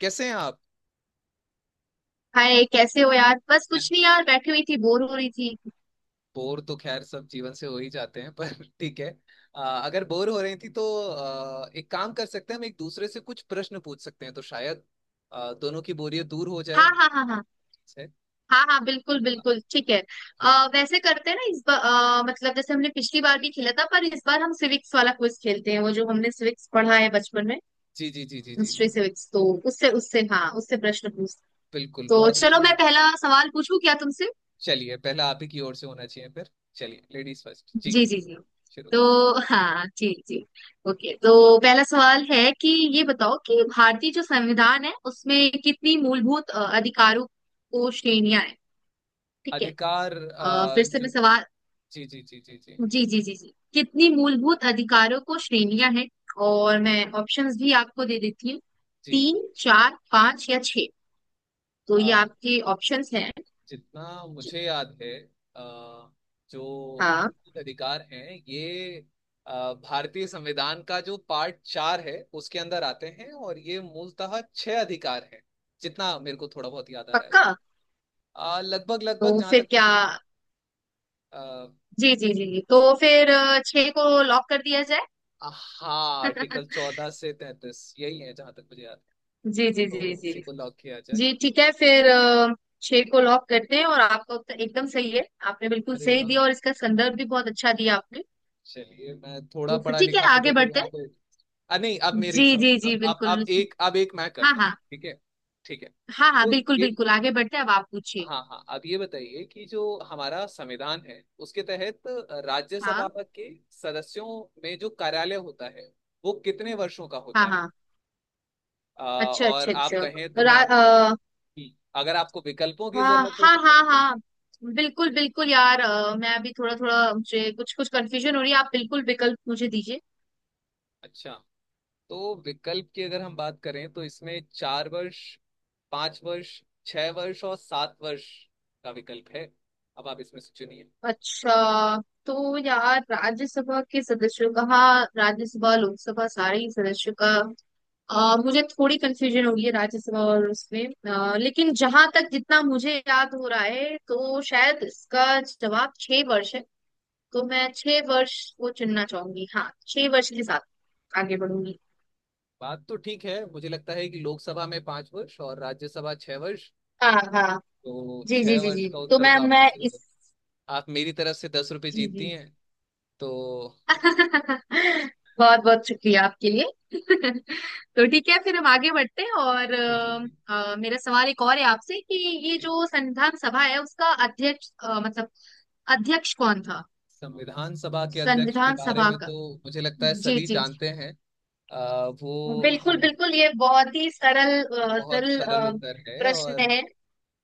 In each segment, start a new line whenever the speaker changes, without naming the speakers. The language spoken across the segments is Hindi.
कैसे हैं आप?
हाय, कैसे हो यार? बस कुछ नहीं यार, बैठी हुई थी, बोर हो रही थी।
बोर तो खैर सब जीवन से हो ही जाते हैं पर ठीक है। अगर बोर हो रही थी तो एक काम कर सकते हैं, हम एक दूसरे से कुछ प्रश्न पूछ सकते हैं तो शायद दोनों की बोरियत दूर हो जाए।
हाँ, हाँ, हाँ, हाँ।
ठीक है?
हाँ, हाँ, बिल्कुल
आ,
बिल्कुल ठीक है। वैसे करते हैं ना इस बार। मतलब जैसे हमने पिछली बार भी खेला था, पर इस बार हम सिविक्स वाला क्विज खेलते हैं, वो जो हमने सिविक्स पढ़ा है बचपन में।
जी जी जी जी जी।
हिस्ट्री सिविक्स तो उससे उससे हाँ, उससे प्रश्न पूछ।
बिल्कुल
तो
बहुत अच्छा
चलो, मैं
है।
पहला सवाल पूछूं क्या तुमसे?
चलिए पहला आप ही की ओर से होना चाहिए फिर। चलिए लेडीज फर्स्ट जी।
जी, जी, जी।
शुरू।
तो हाँ, जी, जी। ओके, तो पहला सवाल है कि ये बताओ कि भारतीय जो संविधान है उसमें कितनी मूलभूत अधिकारों को श्रेणियां हैं? ठीक है।
अधिकार
फिर से मैं
जो।
सवाल।
जी जी जी जी जी
जी, जी, जी, जी, कितनी मूलभूत अधिकारों को श्रेणियां हैं? और मैं ऑप्शंस भी आपको दे देती हूँ।
जी।
तीन, चार, पांच या छह। तो ये आपके ऑप्शंस हैं।
जितना मुझे याद है, अ, जो
हाँ।
मौलिक अधिकार हैं ये भारतीय संविधान का जो पार्ट चार है उसके अंदर आते हैं, और ये मूलतः 6 अधिकार हैं। जितना मेरे को थोड़ा बहुत याद आ रहा है,
पक्का?
लगभग लगभग
तो
जहां तक
फिर क्या?
मुझे पता। अ,
जी, जी, जी, जी, तो फिर छह को लॉक कर दिया
हाँ,
जाए।
आर्टिकल 14 से 33, यही है जहां तक मुझे याद है।
जी, जी, जी,
तो
जी,
इसी को लॉक किया जाए।
जी, ठीक है फिर छह को लॉक करते हैं और आपका उत्तर एकदम सही है। आपने बिल्कुल
अरे
सही
वाह।
दिया और इसका संदर्भ भी बहुत अच्छा दिया आपने।
चलिए मैं थोड़ा
तो फिर
पढ़ा
ठीक है,
लिखा तो
आगे
देखो
बढ़ते
यहाँ
हैं।
पे। नहीं, अब मेरी
जी, जी,
सवाल
जी,
अब अब अब
बिल्कुल।
एक अब एक मैं
हाँ,
करता हूँ,
हाँ,
ठीक है? ठीक है,
हाँ, हाँ,
तो
बिल्कुल
ये।
बिल्कुल, आगे बढ़ते हैं, अब आप पूछिए।
हाँ हाँ, अब ये बताइए कि जो हमारा संविधान है उसके तहत
हाँ,
राज्यसभा के सदस्यों में जो कार्यालय होता है वो कितने वर्षों का होता
हाँ,
है।
हाँ,
आ,
अच्छा
और
अच्छा
आप
अच्छा।
कहें तो मैं
रा,
आपको,
अ,
अगर आपको विकल्पों की
हाँ,
जरूरत हो
हाँ,
तो मैं
हाँ,
विकल्प।
हाँ, बिल्कुल बिल्कुल यार, मैं अभी थोड़ा थोड़ा, मुझे कुछ कुछ कंफ्यूजन हो रही है, आप बिल्कुल विकल्प मुझे दीजिए।
अच्छा। तो विकल्प की अगर हम बात करें तो इसमें 4 वर्ष, 5 वर्ष, 6 वर्ष और 7 वर्ष का विकल्प है। अब आप इसमें से चुनिए।
अच्छा। तो यार राज्यसभा के सदस्यों का, हाँ, राज्यसभा लोकसभा सारे ही सदस्यों का। मुझे थोड़ी कंफ्यूजन हो गई है राज्यसभा और उसमें। लेकिन जहां तक जितना मुझे याद हो रहा है, तो शायद इसका जवाब 6 वर्ष है। तो मैं 6 वर्ष को चुनना चाहूंगी, हाँ, 6 वर्ष के साथ आगे बढ़ूंगी।
बात तो ठीक है, मुझे लगता है कि लोकसभा में 5 वर्ष और राज्यसभा 6 वर्ष।
हाँ, हाँ।
तो
जी, जी,
6
जी,
वर्ष
जी,
का
तो
उत्तर
मैं
तो आपका
मैं
सही है।
इस।
आप मेरी तरफ से 10 रुपये
जी,
जीतती
जी।
हैं। तो
बहुत बहुत शुक्रिया आपके लिए। तो ठीक है, फिर हम आगे बढ़ते हैं और
जी जी जी।
मेरा सवाल एक और है आपसे कि ये
जी।
जो संविधान सभा है उसका अध्यक्ष मतलब अध्यक्ष कौन था?
संविधान सभा के अध्यक्ष के
संविधान
बारे
सभा
में
का।
तो मुझे लगता है
जी,
सभी
जी, जी,
जानते हैं। वो,
बिल्कुल
हम,
बिल्कुल, ये बहुत ही सरल
बहुत
सरल
सरल उत्तर है,
प्रश्न
और
है,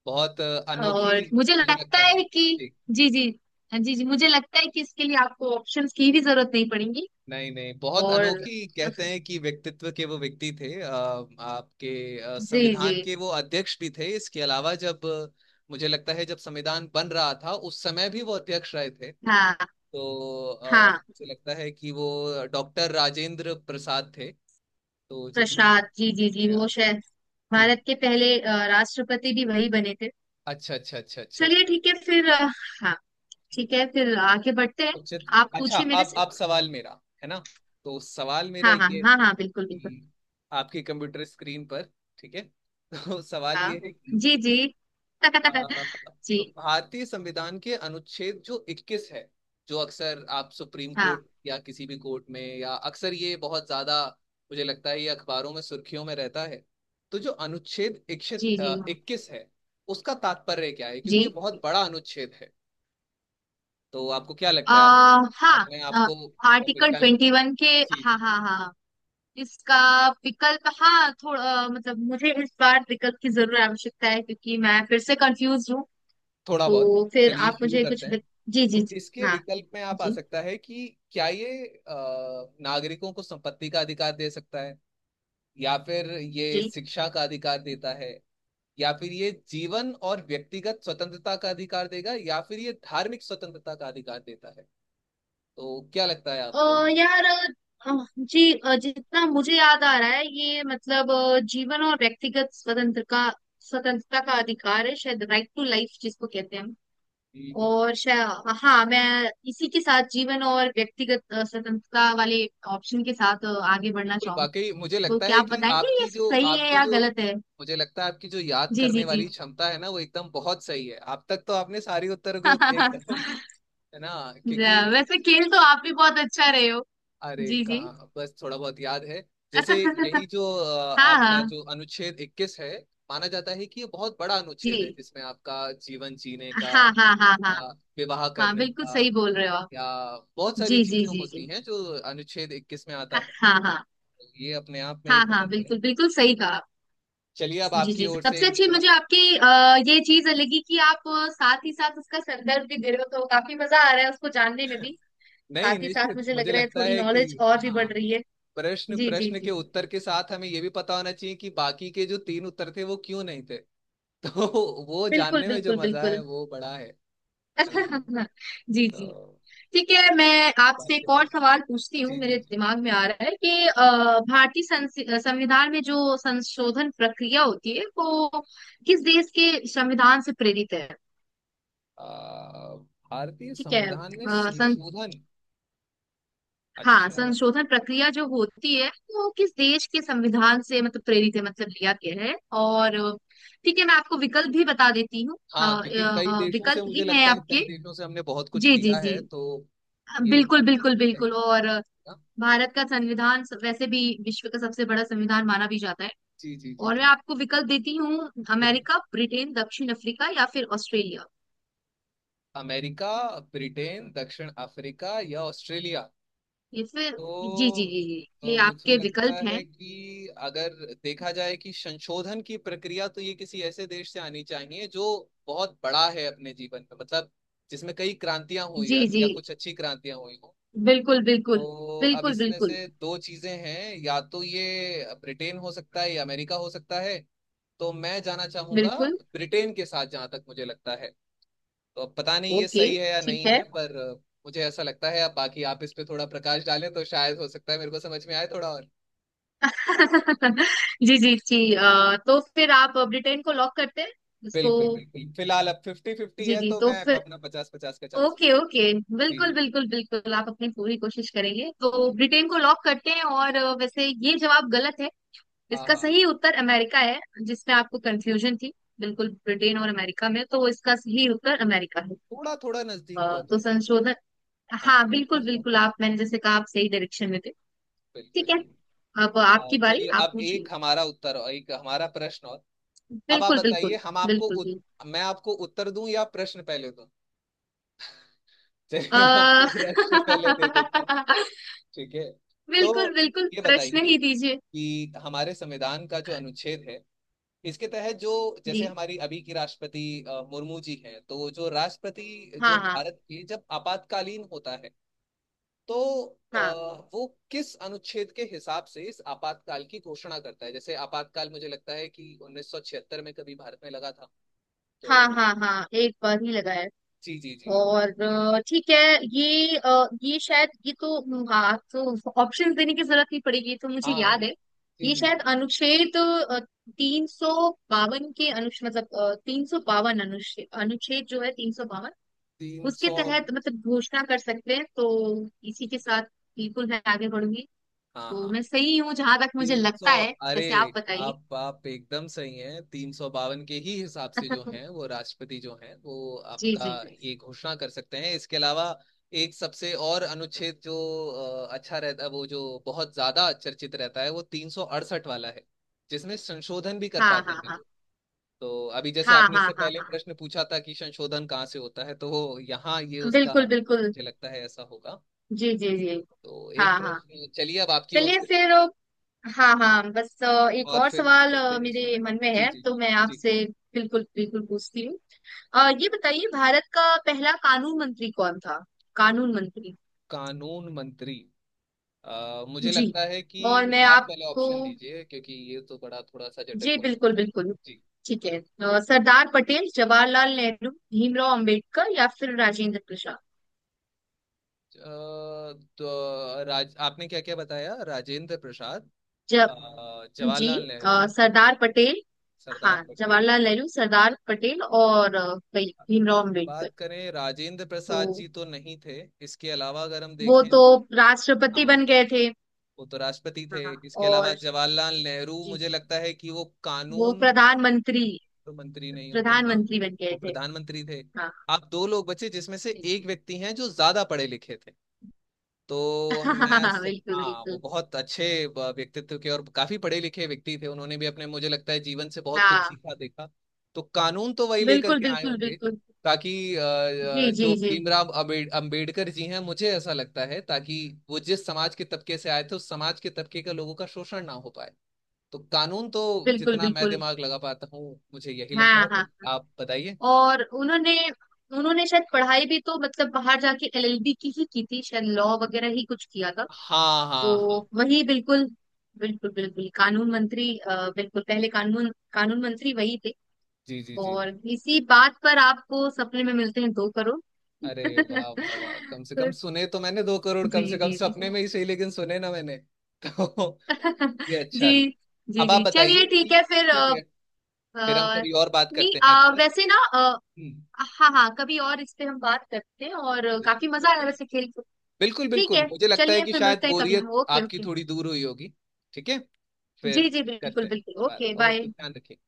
बहुत अनोखी,
और मुझे
मुझे
लगता
लगता है
है कि
ठीक।
जी, जी, जी, जी, मुझे लगता है कि इसके लिए आपको ऑप्शंस की भी जरूरत नहीं पड़ेगी।
नहीं नहीं, बहुत
और
अनोखी कहते हैं कि व्यक्तित्व के वो व्यक्ति थे। आपके
जी, जी,
संविधान के वो अध्यक्ष भी थे। इसके अलावा जब मुझे लगता है जब संविधान बन रहा था उस समय भी वो अध्यक्ष रहे थे।
हाँ,
तो
हाँ,
मुझे लगता है कि वो डॉक्टर राजेंद्र प्रसाद थे। तो जितना,
प्रसाद जी, जी, जी, वो
यार।
शायद
जी।
भारत के पहले राष्ट्रपति भी वही बने थे।
अच्छा अच्छा अच्छा अच्छा
चलिए
अच्छा।
ठीक है फिर हाँ, ठीक है, फिर आगे बढ़ते हैं।
उचित।
आप
अच्छा,
पूछिए मेरे
अब
से।
अब सवाल मेरा है ना, तो सवाल मेरा
हाँ, हाँ,
ये
हाँ, हाँ, बिल्कुल बिल्कुल।
कि, आपके कंप्यूटर स्क्रीन पर, ठीक है? तो सवाल ये
हाँ,
है कि
जी, जी।
अ,
जी।
भारतीय संविधान के अनुच्छेद जो 21 है, जो अक्सर आप सुप्रीम कोर्ट
हाँ,
या किसी भी कोर्ट में या अक्सर ये बहुत ज्यादा, मुझे लगता है, ये अखबारों में सुर्खियों में रहता है। तो जो अनुच्छेद
जी, जी,
21 है उसका तात्पर्य क्या है,
जी,
क्योंकि ये बहुत बड़ा अनुच्छेद है। तो आपको क्या
आ,
लगता है आप अपने
हाँ,
आपको,
आर्टिकल
विकल्प।
21 के।
जी
हाँ,
जी
हाँ,
जी।
हाँ, इसका विकल्प, हाँ, थोड़ा मतलब, मुझे इस बार विकल्प की जरूर आवश्यकता है, क्योंकि मैं फिर से कंफ्यूज हूँ।
थोड़ा बहुत,
तो फिर
चलिए
आप
शुरू
मुझे
करते
कुछ,
हैं।
जी, जी,
तो
जी।
इसके
हाँ,
विकल्प में आप आ
जी,
सकता है कि क्या ये नागरिकों को संपत्ति का अधिकार दे सकता है, या फिर ये
जी,
शिक्षा का अधिकार देता है, या फिर ये जीवन और व्यक्तिगत स्वतंत्रता का अधिकार देगा, या फिर ये धार्मिक स्वतंत्रता का अधिकार देता है। तो क्या लगता है
अ,
आपको ये?
यार, अ, जी, जितना मुझे याद आ रहा है ये मतलब जीवन और व्यक्तिगत स्वतंत्र का स्वतंत्रता का अधिकार है, शायद राइट टू लाइफ जिसको कहते हैं हम।
जी, जी।
और शायद, हाँ, मैं इसी के साथ जीवन और व्यक्तिगत स्वतंत्रता वाले ऑप्शन के साथ आगे बढ़ना
बिल्कुल,
चाहूँ।
वाकई मुझे
तो
लगता
क्या
है
आप
कि
बताएंगे
आपकी
ये
जो
सही है
आपकी
या
जो
गलत है?
मुझे लगता है आपकी जो याद
जी, जी,
करने
जी।
वाली क्षमता है ना वो एकदम बहुत सही है। अब तक तो आपने सारी उत्तर को एकदम, है ना, क्योंकि,
वैसे खेल तो आप भी बहुत अच्छा रहे हो।
अरे
जी, जी।
कहा, बस थोड़ा बहुत याद है, जैसे यही जो
हाँ,
आपका
हाँ,
जो अनुच्छेद 21 है, माना जाता है कि ये बहुत बड़ा
जी,
अनुच्छेद है, जिसमें आपका जीवन जीने का
हाँ, हाँ, हाँ, हाँ,
विवाह
हाँ,
करने
बिल्कुल
का,
सही बोल रहे हो आप।
या बहुत सारी
जी, जी,
चीजें
जी,
होती
जी,
हैं जो अनुच्छेद 21 में आता
हाँ,
है।
हाँ,
तो ये अपने आप में
हाँ,
एक
हाँ,
अलग है।
बिल्कुल बिल्कुल सही कहा आप।
चलिए अब
जी,
आपकी
जी,
ओर से
सबसे
एक
अच्छी
सवाल।
मुझे आपकी ये चीज लगी कि आप साथ ही साथ उसका संदर्भ भी दे रहे हो, तो काफी मजा आ रहा है उसको जानने में भी।
नहीं
साथ ही साथ
निश्चित
मुझे लग
मुझे
रहा है
लगता
थोड़ी
है कि,
नॉलेज और भी
हाँ,
बढ़ रही है।
प्रश्न
जी, जी,
प्रश्न
जी,
के
जी,
उत्तर के साथ हमें ये भी पता होना चाहिए कि बाकी के जो 3 उत्तर थे वो क्यों नहीं थे। तो वो
बिल्कुल
जानने में जो
बिल्कुल
मजा है
बिल्कुल।
वो बड़ा है ना।
जी,
तो
जी। ठीक है, मैं आपसे
जानने
एक और
वाले-
सवाल पूछती हूँ,
जी जी
मेरे
जी।
दिमाग में आ रहा है कि भारतीय संविधान में जो संशोधन प्रक्रिया होती है वो किस देश के संविधान से प्रेरित है?
भारतीय
ठीक है,
संविधान में संशोधन,
हाँ,
अच्छा।
संशोधन प्रक्रिया जो होती है वो किस देश के संविधान से मतलब प्रेरित है, मतलब लिया गया है। और ठीक है, मैं आपको विकल्प भी बता देती हूँ।
हाँ, क्योंकि कई देशों से,
विकल्प ये
मुझे
है
लगता है
आपके।
कई देशों से हमने बहुत कुछ
जी, जी,
लिया
जी,
है, तो ये
बिल्कुल
एकदम
बिल्कुल
ऐसे है
बिल्कुल,
कि-
और
हाँ,
भारत का संविधान वैसे भी विश्व का सबसे बड़ा संविधान माना भी जाता है।
जी जी जी
और मैं
जी,
आपको विकल्प देती हूँ,
बिल्कुल।
अमेरिका, ब्रिटेन, दक्षिण अफ्रीका या फिर ऑस्ट्रेलिया।
अमेरिका, ब्रिटेन, दक्षिण अफ्रीका या ऑस्ट्रेलिया।
ये फिर जी, जी,
तो
जी, जी, ये
मुझे
आपके
लगता
विकल्प हैं।
है कि अगर देखा जाए कि संशोधन की प्रक्रिया, तो ये किसी ऐसे देश से आनी चाहिए जो बहुत बड़ा है अपने जीवन में, मतलब जिसमें कई क्रांतियां हुई हो
जी, जी,
या कुछ अच्छी क्रांतियां हुई हो।
बिल्कुल बिल्कुल
तो अब
बिल्कुल
इसमें
बिल्कुल
से 2 चीजें हैं, या तो ये ब्रिटेन हो सकता है या अमेरिका हो सकता है। तो मैं जाना चाहूंगा
बिल्कुल,
ब्रिटेन के साथ, जहां तक मुझे लगता है। तो पता नहीं ये
ओके,
सही है या नहीं
ठीक है।
है, पर मुझे ऐसा लगता है। अब बाकी आप इस पे थोड़ा प्रकाश डालें तो शायद हो सकता है मेरे को समझ में आए थोड़ा और।
जी, जी, जी, तो फिर आप ब्रिटेन को लॉक करते हैं इसको?
बिल्कुल बिल्कुल, फिलहाल अब फिफ्टी फिफ्टी
जी,
है
जी,
तो
तो
मैं
फिर
अपना पचास पचास का चांस।
Okay, okay.
जी,
बिल्कुल बिल्कुल बिल्कुल, आप अपनी पूरी कोशिश करेंगे, तो ब्रिटेन को लॉक करते हैं और वैसे ये जवाब गलत है।
हाँ
इसका
हाँ,
सही उत्तर अमेरिका है, जिसमें आपको कंफ्यूजन थी। बिल्कुल ब्रिटेन और अमेरिका में, तो इसका सही उत्तर अमेरिका है।
थोड़ा थोड़ा नजदीक
तो
पहुंचे।
संशोधन,
हाँ
हाँ, बिल्कुल बिल्कुल,
बिल्कुल
आप, मैंने जैसे कहा, आप सही डायरेक्शन में थे।
बिल्कुल।
ठीक है, अब आपकी बारी,
चलिए
आप
अब
पूछिए।
एक हमारा उत्तर और एक हमारा प्रश्न और। अब आप
बिल्कुल
बताइए,
बिल्कुल
हम आपको
बिल्कुल भी,
मैं आपको उत्तर दूं या प्रश्न पहले दूं। चलिए मैं
आ,
आपको प्रश्न पहले दे देता, ठीक है। तो
बिल्कुल बिल्कुल
ये
प्रश्न
बताइए
ही दीजिए।
कि हमारे संविधान का जो अनुच्छेद है इसके तहत जो, जैसे
जी,
हमारी अभी की राष्ट्रपति मुर्मू जी हैं, तो जो राष्ट्रपति,
हाँ,
जो
हाँ,
भारत की, जब आपातकालीन होता है तो अ,
हाँ।
वो किस अनुच्छेद के हिसाब से इस आपातकाल की घोषणा करता है, जैसे आपातकाल मुझे लगता है कि 1976 में कभी भारत में लगा था। तो
हाँ, हाँ, हाँ, एक बार ही लगा है।
जी जी जी।
और ठीक है, ये शायद, ये तो हाँ, तो ऑप्शन देने की जरूरत नहीं पड़ेगी, ये तो मुझे
हाँ, जी
याद है।
जी
ये
जी।
शायद अनुच्छेद 352 के अनुच्छेद, मतलब 352 अनुच्छेद अनुच्छेद जो है 352।
तीन
उसके
सौ
तहत मतलब घोषणा कर सकते हैं, तो इसी के साथ बिल्कुल मैं आगे बढ़ूंगी।
हाँ
तो
हाँ
मैं सही हूँ, जहां तक मुझे
300।
लगता है,
अरे
जैसे आप बताइए।
आप एकदम सही हैं, 352 के ही हिसाब से जो हैं, वो राष्ट्रपति जो हैं वो
जी,
आपका
जी, जी,
ये घोषणा कर सकते हैं। इसके अलावा एक सबसे और अनुच्छेद जो अच्छा रहता है, वो जो बहुत ज्यादा चर्चित रहता है वो 368 वाला है, जिसमें संशोधन भी कर
हाँ,
पाते
हाँ,
हैं
हाँ,
लोग। तो अभी जैसे
हाँ,
आपने इससे
हाँ, हाँ,
पहले प्रश्न पूछा था कि संशोधन कहाँ से होता है, तो यहाँ ये
हाँ,
उसका
बिल्कुल बिल्कुल,
मुझे लगता है ऐसा होगा।
जी, जी, जी,
तो एक
हाँ, हाँ,
प्रश्न, चलिए अब आपकी ओर
चलिए
से,
फिर हाँ, हाँ, बस एक
और
और
फिर
सवाल
चलते हैं
मेरे
सोने।
मन में
जी
है,
जी
तो
जी
मैं
जी।
आपसे बिल्कुल बिल्कुल पूछती हूँ। ये बताइए, भारत का पहला कानून मंत्री कौन था? कानून मंत्री।
कानून मंत्री, मुझे
जी,
लगता है कि
और मैं
आप पहले
आपको
ऑप्शन दीजिए क्योंकि ये तो बड़ा थोड़ा सा जटिल
जी,
हो
बिल्कुल
सकता है।
बिल्कुल।
जी।
ठीक है, सरदार पटेल, जवाहरलाल नेहरू, भीमराव अंबेडकर या फिर राजेंद्र प्रसाद।
अ, तो राज आपने क्या क्या बताया, राजेंद्र प्रसाद,
जब
अ,
जी,
जवाहरलाल नेहरू,
सरदार पटेल। हाँ,
सरदार पटेल।
जवाहरलाल नेहरू, सरदार पटेल और भाई भीमराव अम्बेडकर।
बात करें राजेंद्र प्रसाद
तो
जी तो नहीं थे, इसके अलावा अगर हम
वो
देखें,
तो राष्ट्रपति
हाँ
बन गए थे।
वो तो राष्ट्रपति थे।
हाँ,
इसके अलावा
और
जवाहरलाल नेहरू,
जी,
मुझे
जी,
लगता है कि वो
वो
कानून
प्रधानमंत्री,
तो मंत्री नहीं होंगे, हाँ
प्रधानमंत्री बन
वो
गए थे।
प्रधानमंत्री थे।
हाँ,
आप 2 लोग बचे जिसमें से
जी,
एक
जी।
व्यक्ति हैं जो ज्यादा पढ़े लिखे थे। तो मैं
बिल्कुल
हाँ वो
बिल्कुल,
बहुत अच्छे व्यक्तित्व के और काफी पढ़े लिखे व्यक्ति थे, उन्होंने भी अपने, मुझे लगता है, जीवन से बहुत कुछ
हाँ,
सीखा देखा। तो कानून तो वही लेकर
बिल्कुल
के आए
बिल्कुल
होंगे,
बिल्कुल,
ताकि
जी,
जो
जी, जी,
भीमराव अम्बेडकर जी हैं, मुझे ऐसा लगता है, ताकि वो जिस समाज के तबके से आए थे उस समाज के तबके का लोगों का शोषण ना हो पाए। तो कानून तो,
बिल्कुल
जितना मैं
बिल्कुल,
दिमाग लगा पाता हूँ मुझे यही
हाँ,
लगता है,
हाँ, हाँ।
आप बताइए।
और उन्होंने उन्होंने शायद पढ़ाई भी, तो मतलब बाहर जाके एलएलबी की ही की थी, शायद लॉ वगैरह ही कुछ किया था।
हाँ हाँ
तो
हाँ,
वही बिल्कुल, बिल्कुल बिल्कुल कानून मंत्री, बिल्कुल पहले कानून कानून मंत्री वही थे।
जी जी जी
और
जी।
इसी बात पर आपको सपने में मिलते हैं 2 करोड़।
अरे वाह वाह वाह, कम से
तो
कम सुने तो मैंने 2 करोड़,
जी,
कम से कम
जी, जी।
सपने में ही सही, लेकिन सुने ना मैंने। तो ये
जी,
अच्छा है।
जी,
अब आप
जी,
बताइए
चलिए ठीक
कि,
है फिर
ठीक है फिर हम
अ,
कभी और बात
नहीं,
करते हैं इस पर।
वैसे ना
हम्म।
हाँ, हाँ, कभी और इस पे हम बात करते हैं, और काफी मजा आया वैसे खेल के।
बिल्कुल
ठीक
बिल्कुल,
है,
मुझे लगता है
चलिए
कि
फिर
शायद
मिलते हैं कभी,
बोरियत
ओके,
आपकी
ओके।
थोड़ी दूर हुई होगी। ठीक है फिर,
जी, जी, बिल्कुल
करते हैं
बिल्कुल, ओके,
दोबारा,
बाय।
ओके, ध्यान रखिए।